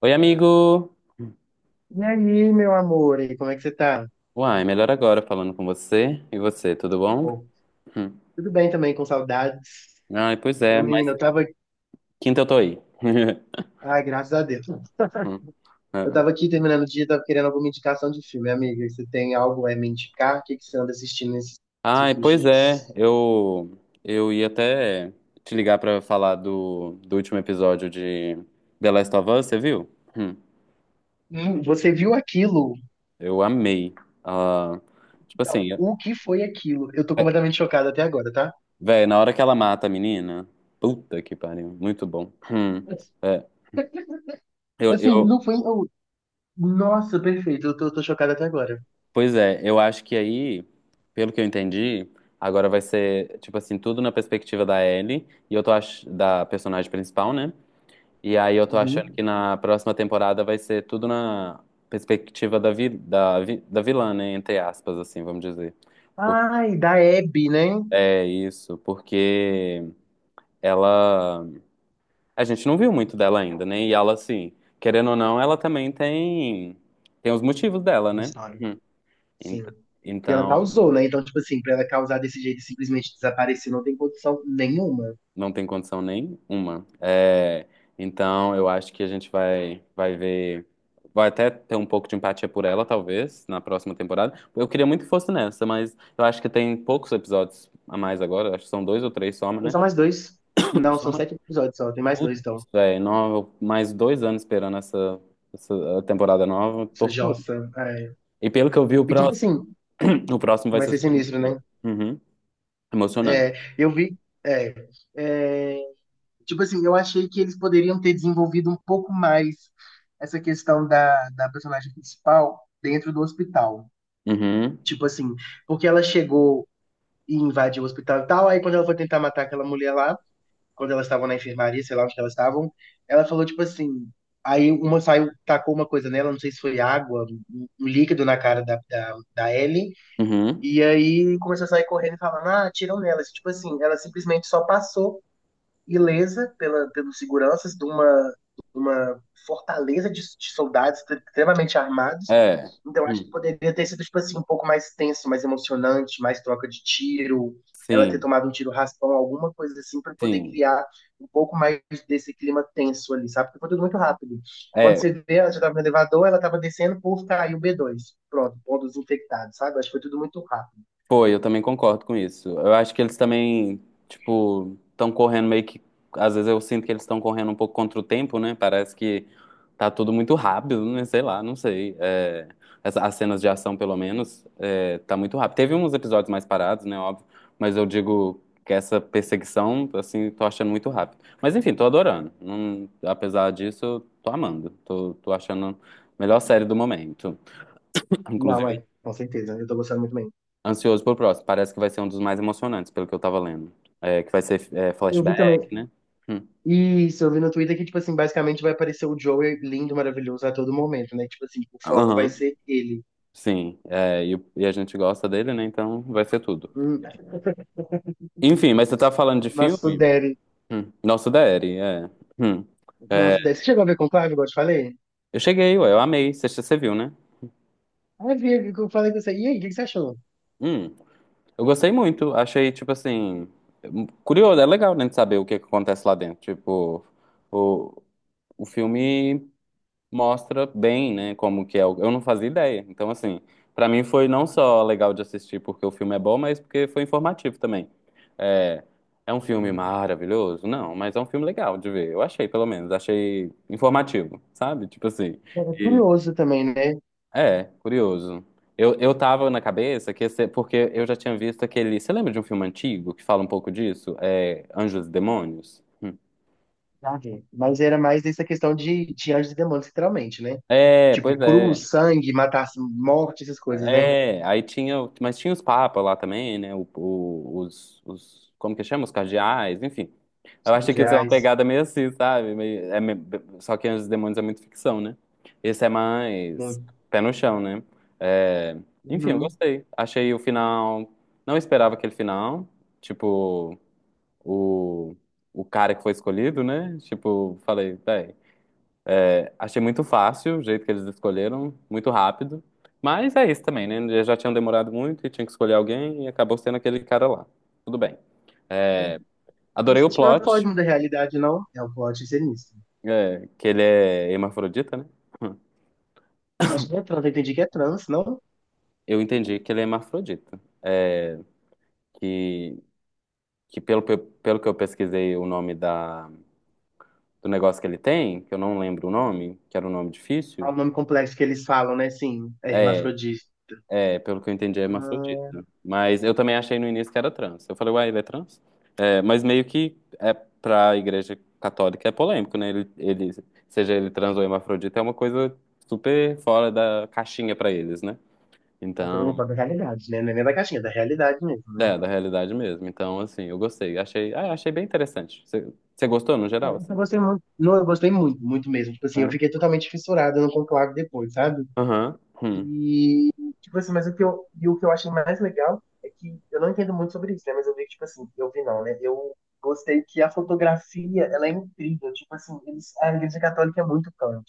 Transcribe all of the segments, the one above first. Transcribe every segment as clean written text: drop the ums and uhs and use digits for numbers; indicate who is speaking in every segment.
Speaker 1: Oi, amigo!
Speaker 2: E aí, meu amor, e como é que você tá?
Speaker 1: Uai, melhor agora falando com você. E você, tudo bom?
Speaker 2: Pô,
Speaker 1: Hum.
Speaker 2: tudo bem também, com saudades.
Speaker 1: Ai, pois é,
Speaker 2: Eu,
Speaker 1: mas
Speaker 2: menina, eu tava.
Speaker 1: quinta eu tô aí.
Speaker 2: Ai, graças a Deus.
Speaker 1: Hum,
Speaker 2: Eu
Speaker 1: ah.
Speaker 2: tava aqui terminando o dia, tava querendo alguma indicação de filme, amiga. Você tem algo a me indicar? O que que você anda assistindo nesses
Speaker 1: Ai,
Speaker 2: últimos
Speaker 1: pois é,
Speaker 2: dias?
Speaker 1: eu ia até te ligar pra falar do último episódio de The Last of Us, você viu? Hum.
Speaker 2: Você viu aquilo?
Speaker 1: Eu amei. Ah, tipo
Speaker 2: Não,
Speaker 1: assim,
Speaker 2: o que foi aquilo? Eu tô
Speaker 1: é,
Speaker 2: completamente chocado até agora, tá?
Speaker 1: véi, na hora que ela mata a menina, puta que pariu, muito bom. É. Eu,
Speaker 2: Assim,
Speaker 1: eu,
Speaker 2: não foi. Nossa, perfeito, eu tô chocado até agora.
Speaker 1: Pois é, eu acho que aí, pelo que eu entendi, agora vai ser, tipo assim, tudo na perspectiva da Ellie, da personagem principal, né? E aí eu tô achando
Speaker 2: Uhum.
Speaker 1: que na próxima temporada vai ser tudo na perspectiva da vilã, né? Entre aspas, assim, vamos dizer. Por-
Speaker 2: Ai, da Abby, né?
Speaker 1: É isso, porque ela. A gente não viu muito dela ainda, né? E ela, assim, querendo ou não, ela também tem os motivos dela,
Speaker 2: Uma
Speaker 1: né?
Speaker 2: história.
Speaker 1: Hum.
Speaker 2: Sim.
Speaker 1: Então.
Speaker 2: E ela
Speaker 1: Então,
Speaker 2: causou, né? Então, tipo assim, pra ela causar desse jeito e simplesmente desaparecer, não tem condição nenhuma.
Speaker 1: não tem condição nenhuma. É, então, eu acho que a gente vai ver. Vai até ter um pouco de empatia por ela, talvez, na próxima temporada. Eu queria muito que fosse nessa, mas eu acho que tem poucos episódios a mais agora. Acho que são dois ou três só,
Speaker 2: Tem
Speaker 1: né?
Speaker 2: só mais dois? Não, são
Speaker 1: Soma
Speaker 2: sete episódios só, tem mais dois,
Speaker 1: tudo,
Speaker 2: então.
Speaker 1: velho. Mais dois anos esperando essa temporada nova.
Speaker 2: Essa
Speaker 1: Tortura.
Speaker 2: Jossa. É.
Speaker 1: E pelo que eu vi, o
Speaker 2: E tipo
Speaker 1: próximo,
Speaker 2: assim,
Speaker 1: o próximo vai
Speaker 2: vai
Speaker 1: ser
Speaker 2: ser
Speaker 1: super
Speaker 2: sinistro, né?
Speaker 1: emocionante. Uhum. Emocionante.
Speaker 2: É, eu vi. É, é, tipo assim, eu achei que eles poderiam ter desenvolvido um pouco mais essa questão da personagem principal dentro do hospital.
Speaker 1: Uhum.
Speaker 2: Tipo assim, porque ela chegou e invadiu o hospital e tal, aí quando ela foi tentar matar aquela mulher lá. Quando elas estavam na enfermaria, sei lá onde que elas estavam, ela falou, tipo assim, aí uma saiu, tacou uma coisa nela, não sei se foi água, um líquido na cara da Ellie,
Speaker 1: Uhum.
Speaker 2: e aí começou a sair correndo e falando, ah, atiram nela. Tipo assim, ela simplesmente só passou ilesa pelos seguranças de uma fortaleza de soldados extremamente armados.
Speaker 1: É.
Speaker 2: Então, acho que
Speaker 1: Hum.
Speaker 2: poderia ter sido, tipo assim, um pouco mais tenso, mais emocionante, mais troca de tiro, ela ter
Speaker 1: Sim.
Speaker 2: tomado um tiro raspão, alguma coisa assim, para poder
Speaker 1: Sim.
Speaker 2: criar um pouco mais desse clima tenso ali, sabe? Porque foi tudo muito rápido. Quando você
Speaker 1: É.
Speaker 2: vê, ela já estava no elevador, ela estava descendo, por caiu o b dois. Pronto, pontos infectados, sabe? Acho que foi tudo muito rápido.
Speaker 1: Foi, eu também concordo com isso. Eu acho que eles também, tipo, estão correndo meio que. Às vezes eu sinto que eles estão correndo um pouco contra o tempo, né? Parece que tá tudo muito rápido, né? Sei lá, não sei. É, as cenas de ação, pelo menos, tá muito rápido. Teve uns episódios mais parados, né? Óbvio. Mas eu digo que essa perseguição, assim, tô achando muito rápido. Mas enfim, tô adorando. Apesar disso, tô amando. Tô achando a melhor série do momento.
Speaker 2: Não,
Speaker 1: Inclusive.
Speaker 2: é, com certeza, eu tô gostando muito bem.
Speaker 1: Ansioso pelo próximo. Parece que vai ser um dos mais emocionantes, pelo que eu tava lendo. É, que vai ser
Speaker 2: Eu vi também.
Speaker 1: flashback, né? Hum.
Speaker 2: Isso, eu vi no Twitter que, tipo assim, basicamente vai aparecer o Joey lindo, maravilhoso a todo momento, né? Tipo assim, o foco vai
Speaker 1: Aham,
Speaker 2: ser ele.
Speaker 1: sim. É, e a gente gosta dele, né? Então vai ser tudo.
Speaker 2: Hum,
Speaker 1: Enfim, mas você tá falando de
Speaker 2: Nosso
Speaker 1: filme?
Speaker 2: Derry.
Speaker 1: Hum. Nosso Daddy, é. Hum. É.
Speaker 2: Nosso Derry. Você chegou a ver Conclave, igual eu te falei?
Speaker 1: Eu cheguei, ué, eu amei. Você viu, né?
Speaker 2: Ah, eu que eu falei com você. E aí, o que que você achou?
Speaker 1: Hum. Eu gostei muito. Achei, tipo assim. Curioso, é legal, né? De saber o que que acontece lá dentro. Tipo, o, o filme mostra bem, né, como que é. Eu não fazia ideia. Então, assim, pra mim foi não só legal de assistir porque o filme é bom, mas porque foi informativo também. É, é um filme
Speaker 2: Hum.
Speaker 1: maravilhoso? Não, mas é um filme legal de ver. Eu achei, pelo menos. Achei informativo, sabe? Tipo assim.
Speaker 2: Era
Speaker 1: E,
Speaker 2: curioso também, né?
Speaker 1: curioso. Eu tava na cabeça que ia porque eu já tinha visto aquele. Você lembra de um filme antigo que fala um pouco disso? É, Anjos e Demônios? Hum.
Speaker 2: Já vi. Mas era mais essa questão de anjos e demônios, literalmente, né?
Speaker 1: É, pois
Speaker 2: Tipo,
Speaker 1: é.
Speaker 2: cruz, sangue, matar, morte, essas coisas, né?
Speaker 1: É, aí tinha, mas tinha os papas lá também, né? Os, como que chama? Os cardeais, enfim. Eu achei que isso é uma
Speaker 2: Sandiais.
Speaker 1: pegada meio assim, sabe? Só que Anjos e Demônios é muito ficção, né? Esse é mais pé no chão, né? É, enfim, eu
Speaker 2: Uhum.
Speaker 1: gostei. Achei o final. Não esperava aquele final. Tipo, o, o cara que foi escolhido, né? Tipo, falei, véi. Achei muito fácil o jeito que eles escolheram, muito rápido. Mas é isso também, né? Eles já tinham demorado muito e tinham que escolher alguém e acabou sendo aquele cara lá. Tudo bem.
Speaker 2: Mas
Speaker 1: Adorei o
Speaker 2: isso não é
Speaker 1: plot,
Speaker 2: foge da realidade, não. É o plot ser nisso.
Speaker 1: que ele é hermafrodita, né?
Speaker 2: Acho que é trans, eu entendi que é trans, não?
Speaker 1: Eu entendi que ele é hermafrodita. É, que que pelo que eu pesquisei o nome da, do negócio que ele tem, que eu não lembro o nome, que era um nome
Speaker 2: Ah,
Speaker 1: difícil,
Speaker 2: o nome complexo que eles falam, né? Sim, é
Speaker 1: é,
Speaker 2: hermafrodita.
Speaker 1: é pelo que eu entendi, é
Speaker 2: Ah,
Speaker 1: hermafrodita. Mas eu também achei no início que era trans. Eu falei, uai, ele é trans? É, mas meio que é para a Igreja Católica é polêmico, né? Ele, seja ele trans ou hermafrodita, é uma coisa super fora da caixinha para eles, né?
Speaker 2: tô
Speaker 1: Então,
Speaker 2: falando da realidade, né? Não é nem da caixinha, é da realidade mesmo, né?
Speaker 1: da realidade mesmo. Então, assim, eu gostei. Achei, ah, achei bem interessante. Você gostou no
Speaker 2: É,
Speaker 1: geral,
Speaker 2: eu
Speaker 1: assim?
Speaker 2: gostei muito. Não, eu gostei muito, muito mesmo. Tipo assim, eu fiquei
Speaker 1: É.
Speaker 2: totalmente fissurada no conclave depois, sabe?
Speaker 1: Aham. Hum.
Speaker 2: Tipo assim, mas e o que eu achei mais legal é que eu não entendo muito sobre isso, né? Mas eu vi que, tipo assim, eu vi não, né? Eu gostei que a fotografia, ela é incrível. Tipo assim, eles, a Igreja Católica é muito Kant.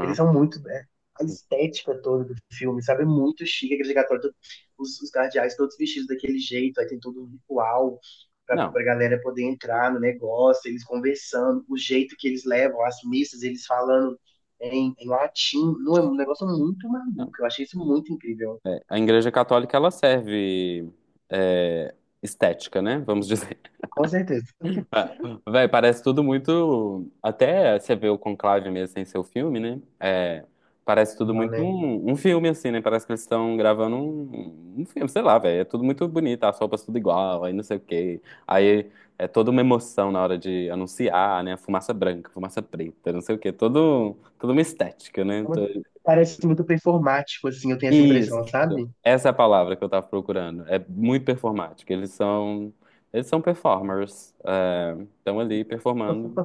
Speaker 2: Eles são muito. A estética toda do filme, sabe? É muito chique, aquele gatório, os guardiães todos vestidos daquele jeito, aí tem todo um ritual
Speaker 1: Não,
Speaker 2: pra galera poder entrar no negócio, eles conversando, o jeito que eles levam as missas, eles falando em latim. Não, é um negócio muito maluco.
Speaker 1: não.
Speaker 2: Eu achei isso muito incrível.
Speaker 1: A Igreja Católica, ela serve, é, estética, né? Vamos dizer.
Speaker 2: Com certeza.
Speaker 1: Ah, véi, parece tudo muito. Até você vê o Conclave mesmo sem ser o filme, né? É, parece tudo
Speaker 2: Não,
Speaker 1: muito
Speaker 2: né?
Speaker 1: um filme, assim, né? Parece que eles estão gravando um filme, sei lá, velho. É tudo muito bonito, as roupas tudo igual, aí não sei o quê. Aí é toda uma emoção na hora de anunciar, né? Fumaça branca, fumaça preta, não sei o quê. Toda uma estética, né?
Speaker 2: Parece muito performático, assim, eu tenho essa
Speaker 1: Isso.
Speaker 2: impressão, sabe?
Speaker 1: Essa é a palavra que eu tava procurando. É muito performático. Eles são. Eles são performers. É, estão ali performando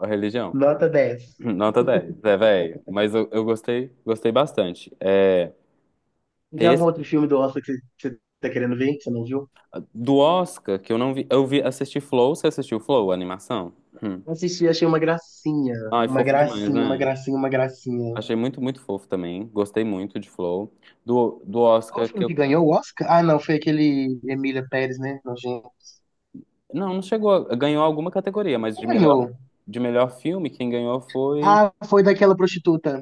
Speaker 1: a religião.
Speaker 2: Nota dez.
Speaker 1: Nota dez, velho. Mas eu gostei, bastante. É
Speaker 2: Tem algum
Speaker 1: esse
Speaker 2: outro filme do Oscar que você tá querendo ver, que você não viu?
Speaker 1: do Oscar que eu não vi, eu vi assisti Flow, você assistiu Flow, a animação? Hum.
Speaker 2: Assisti, achei uma gracinha.
Speaker 1: Ai,
Speaker 2: Uma
Speaker 1: fofo demais,
Speaker 2: gracinha, uma
Speaker 1: né?
Speaker 2: gracinha, uma gracinha.
Speaker 1: Achei muito, muito fofo também. Gostei muito de Flow. Do
Speaker 2: Qual o
Speaker 1: Oscar que
Speaker 2: filme
Speaker 1: eu,
Speaker 2: que ganhou o Oscar? Ah, não, foi aquele Emília Pérez, né? Nojento.
Speaker 1: não, não chegou, ganhou alguma categoria, mas de
Speaker 2: Quem
Speaker 1: melhor
Speaker 2: ganhou?
Speaker 1: de melhor filme quem ganhou foi.
Speaker 2: Ah, foi daquela prostituta.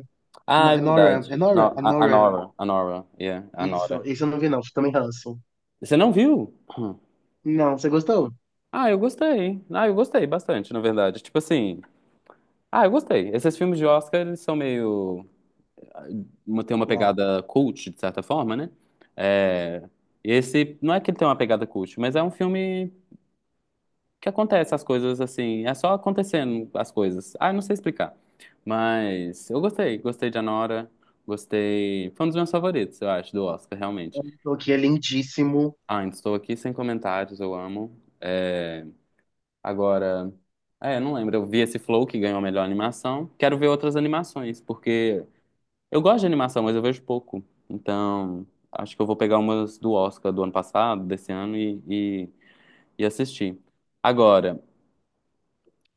Speaker 1: Ah, é
Speaker 2: Nora,
Speaker 1: verdade.
Speaker 2: é Nora?
Speaker 1: Não,
Speaker 2: É
Speaker 1: a
Speaker 2: Nora.
Speaker 1: Nora, a Nora, yeah, a
Speaker 2: Isso,
Speaker 1: Nora.
Speaker 2: isso eu não vi, não. Também ranço.
Speaker 1: Você não viu? Hum.
Speaker 2: Não, você gostou?
Speaker 1: Ah, eu gostei. Ah, eu gostei bastante, na verdade. Tipo assim, ah, eu gostei. Esses filmes de Oscar, eles são meio. Tem uma
Speaker 2: Uau.
Speaker 1: pegada cult, de certa forma, né? É... esse, não é que ele tem uma pegada cult, mas é um filme que acontece as coisas assim. É só acontecendo as coisas. Ah, eu não sei explicar. Mas eu gostei. Gostei de Anora. Gostei. Foi um dos meus favoritos, eu acho, do Oscar, realmente.
Speaker 2: O que é lindíssimo.
Speaker 1: Ah, ainda estou aqui sem comentários, eu amo. É... agora. É, eu não lembro. Eu vi esse Flow que ganhou a melhor animação. Quero ver outras animações, porque. Eu gosto de animação, mas eu vejo pouco. Então, acho que eu vou pegar umas do Oscar do ano passado, desse ano, e, e assistir. Agora,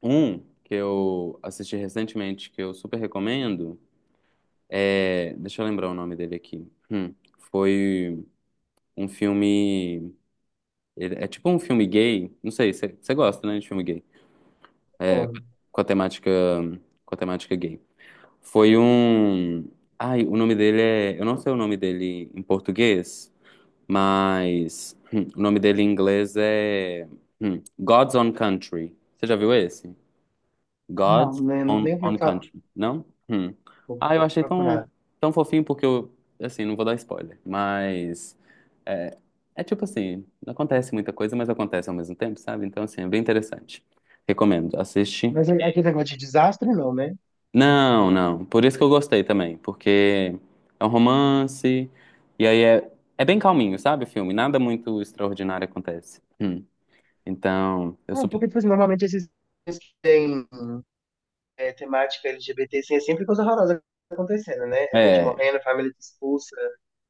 Speaker 1: um que eu assisti recentemente, que eu super recomendo, deixa eu lembrar o nome dele aqui. Foi um filme. É tipo um filme gay. Não sei, você gosta, né, de filme gay?
Speaker 2: Adoro.
Speaker 1: Com a temática, com a temática gay. Foi um. Ai, o nome dele é. Eu não sei o nome dele em português. Mas o nome dele em inglês é God's Own Country. Você já viu esse? God's
Speaker 2: Não, né? Não
Speaker 1: Own,
Speaker 2: nem ouvi
Speaker 1: Own
Speaker 2: falar.
Speaker 1: Country, não? Hum.
Speaker 2: Vou
Speaker 1: Ah, eu achei tão,
Speaker 2: procurar.
Speaker 1: tão fofinho porque eu, assim, não vou dar spoiler, mas é, é tipo assim, não acontece muita coisa, mas acontece ao mesmo tempo, sabe? Então, assim, é bem interessante. Recomendo, assiste
Speaker 2: Mas é- aquele negócio de desastre, não, né?
Speaker 1: não, não. Por isso que eu gostei também, porque é um romance e aí é bem calminho, sabe, o filme? Nada muito extraordinário acontece. Hum. Então, eu
Speaker 2: Ah,
Speaker 1: super...
Speaker 2: porque, tipo assim, normalmente esses filmes que tem temática LGBT, assim, é sempre coisa horrorosa acontecendo, né? É gente
Speaker 1: É,
Speaker 2: morrendo, família expulsa,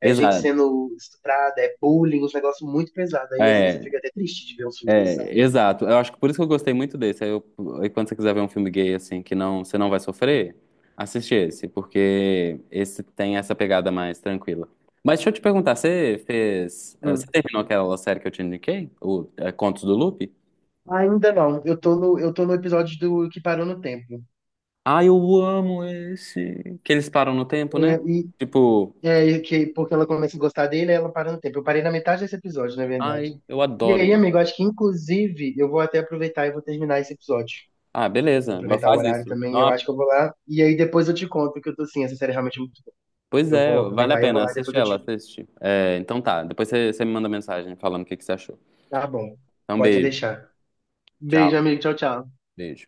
Speaker 2: é gente
Speaker 1: exato.
Speaker 2: sendo estuprada, é bullying, uns negócios muito pesados. Aí às vezes eu
Speaker 1: É,
Speaker 2: fico até triste de ver uns filmes desses, sabe?
Speaker 1: é, exato. Eu acho que por isso que eu gostei muito desse. Aí quando você quiser ver um filme gay assim que não, você não vai sofrer, assiste esse, porque esse tem essa pegada mais tranquila. Mas deixa eu te perguntar, você
Speaker 2: Hum.
Speaker 1: terminou aquela série que eu te indiquei, o Contos do Loop?
Speaker 2: Ainda não, eu tô no episódio do que parou no tempo.
Speaker 1: Ai, eu amo esse. Que eles param no tempo, né?
Speaker 2: É, e
Speaker 1: Tipo,
Speaker 2: é, que, porque ela começa a gostar dele, ela para no tempo. Eu parei na metade desse episódio, na verdade.
Speaker 1: ai, eu
Speaker 2: E
Speaker 1: adoro
Speaker 2: aí,
Speaker 1: ele.
Speaker 2: amigo, acho que inclusive eu vou até aproveitar e vou terminar esse episódio.
Speaker 1: Ah,
Speaker 2: Vou
Speaker 1: beleza, vou
Speaker 2: aproveitar o
Speaker 1: fazer
Speaker 2: horário
Speaker 1: isso.
Speaker 2: também, eu acho
Speaker 1: Não,
Speaker 2: que eu vou lá. E aí depois eu te conto que eu tô assim, essa série é realmente muito.
Speaker 1: pois
Speaker 2: Eu
Speaker 1: é,
Speaker 2: vou
Speaker 1: vale a
Speaker 2: aproveitar e eu vou
Speaker 1: pena,
Speaker 2: lá e
Speaker 1: assiste
Speaker 2: depois eu
Speaker 1: ela,
Speaker 2: te.
Speaker 1: assiste. É, então tá, depois você me manda mensagem falando o que que você achou.
Speaker 2: Tá bom,
Speaker 1: Então,
Speaker 2: pode
Speaker 1: beijo.
Speaker 2: deixar. Beijo,
Speaker 1: Tchau.
Speaker 2: amigo. Tchau, tchau.
Speaker 1: Beijo.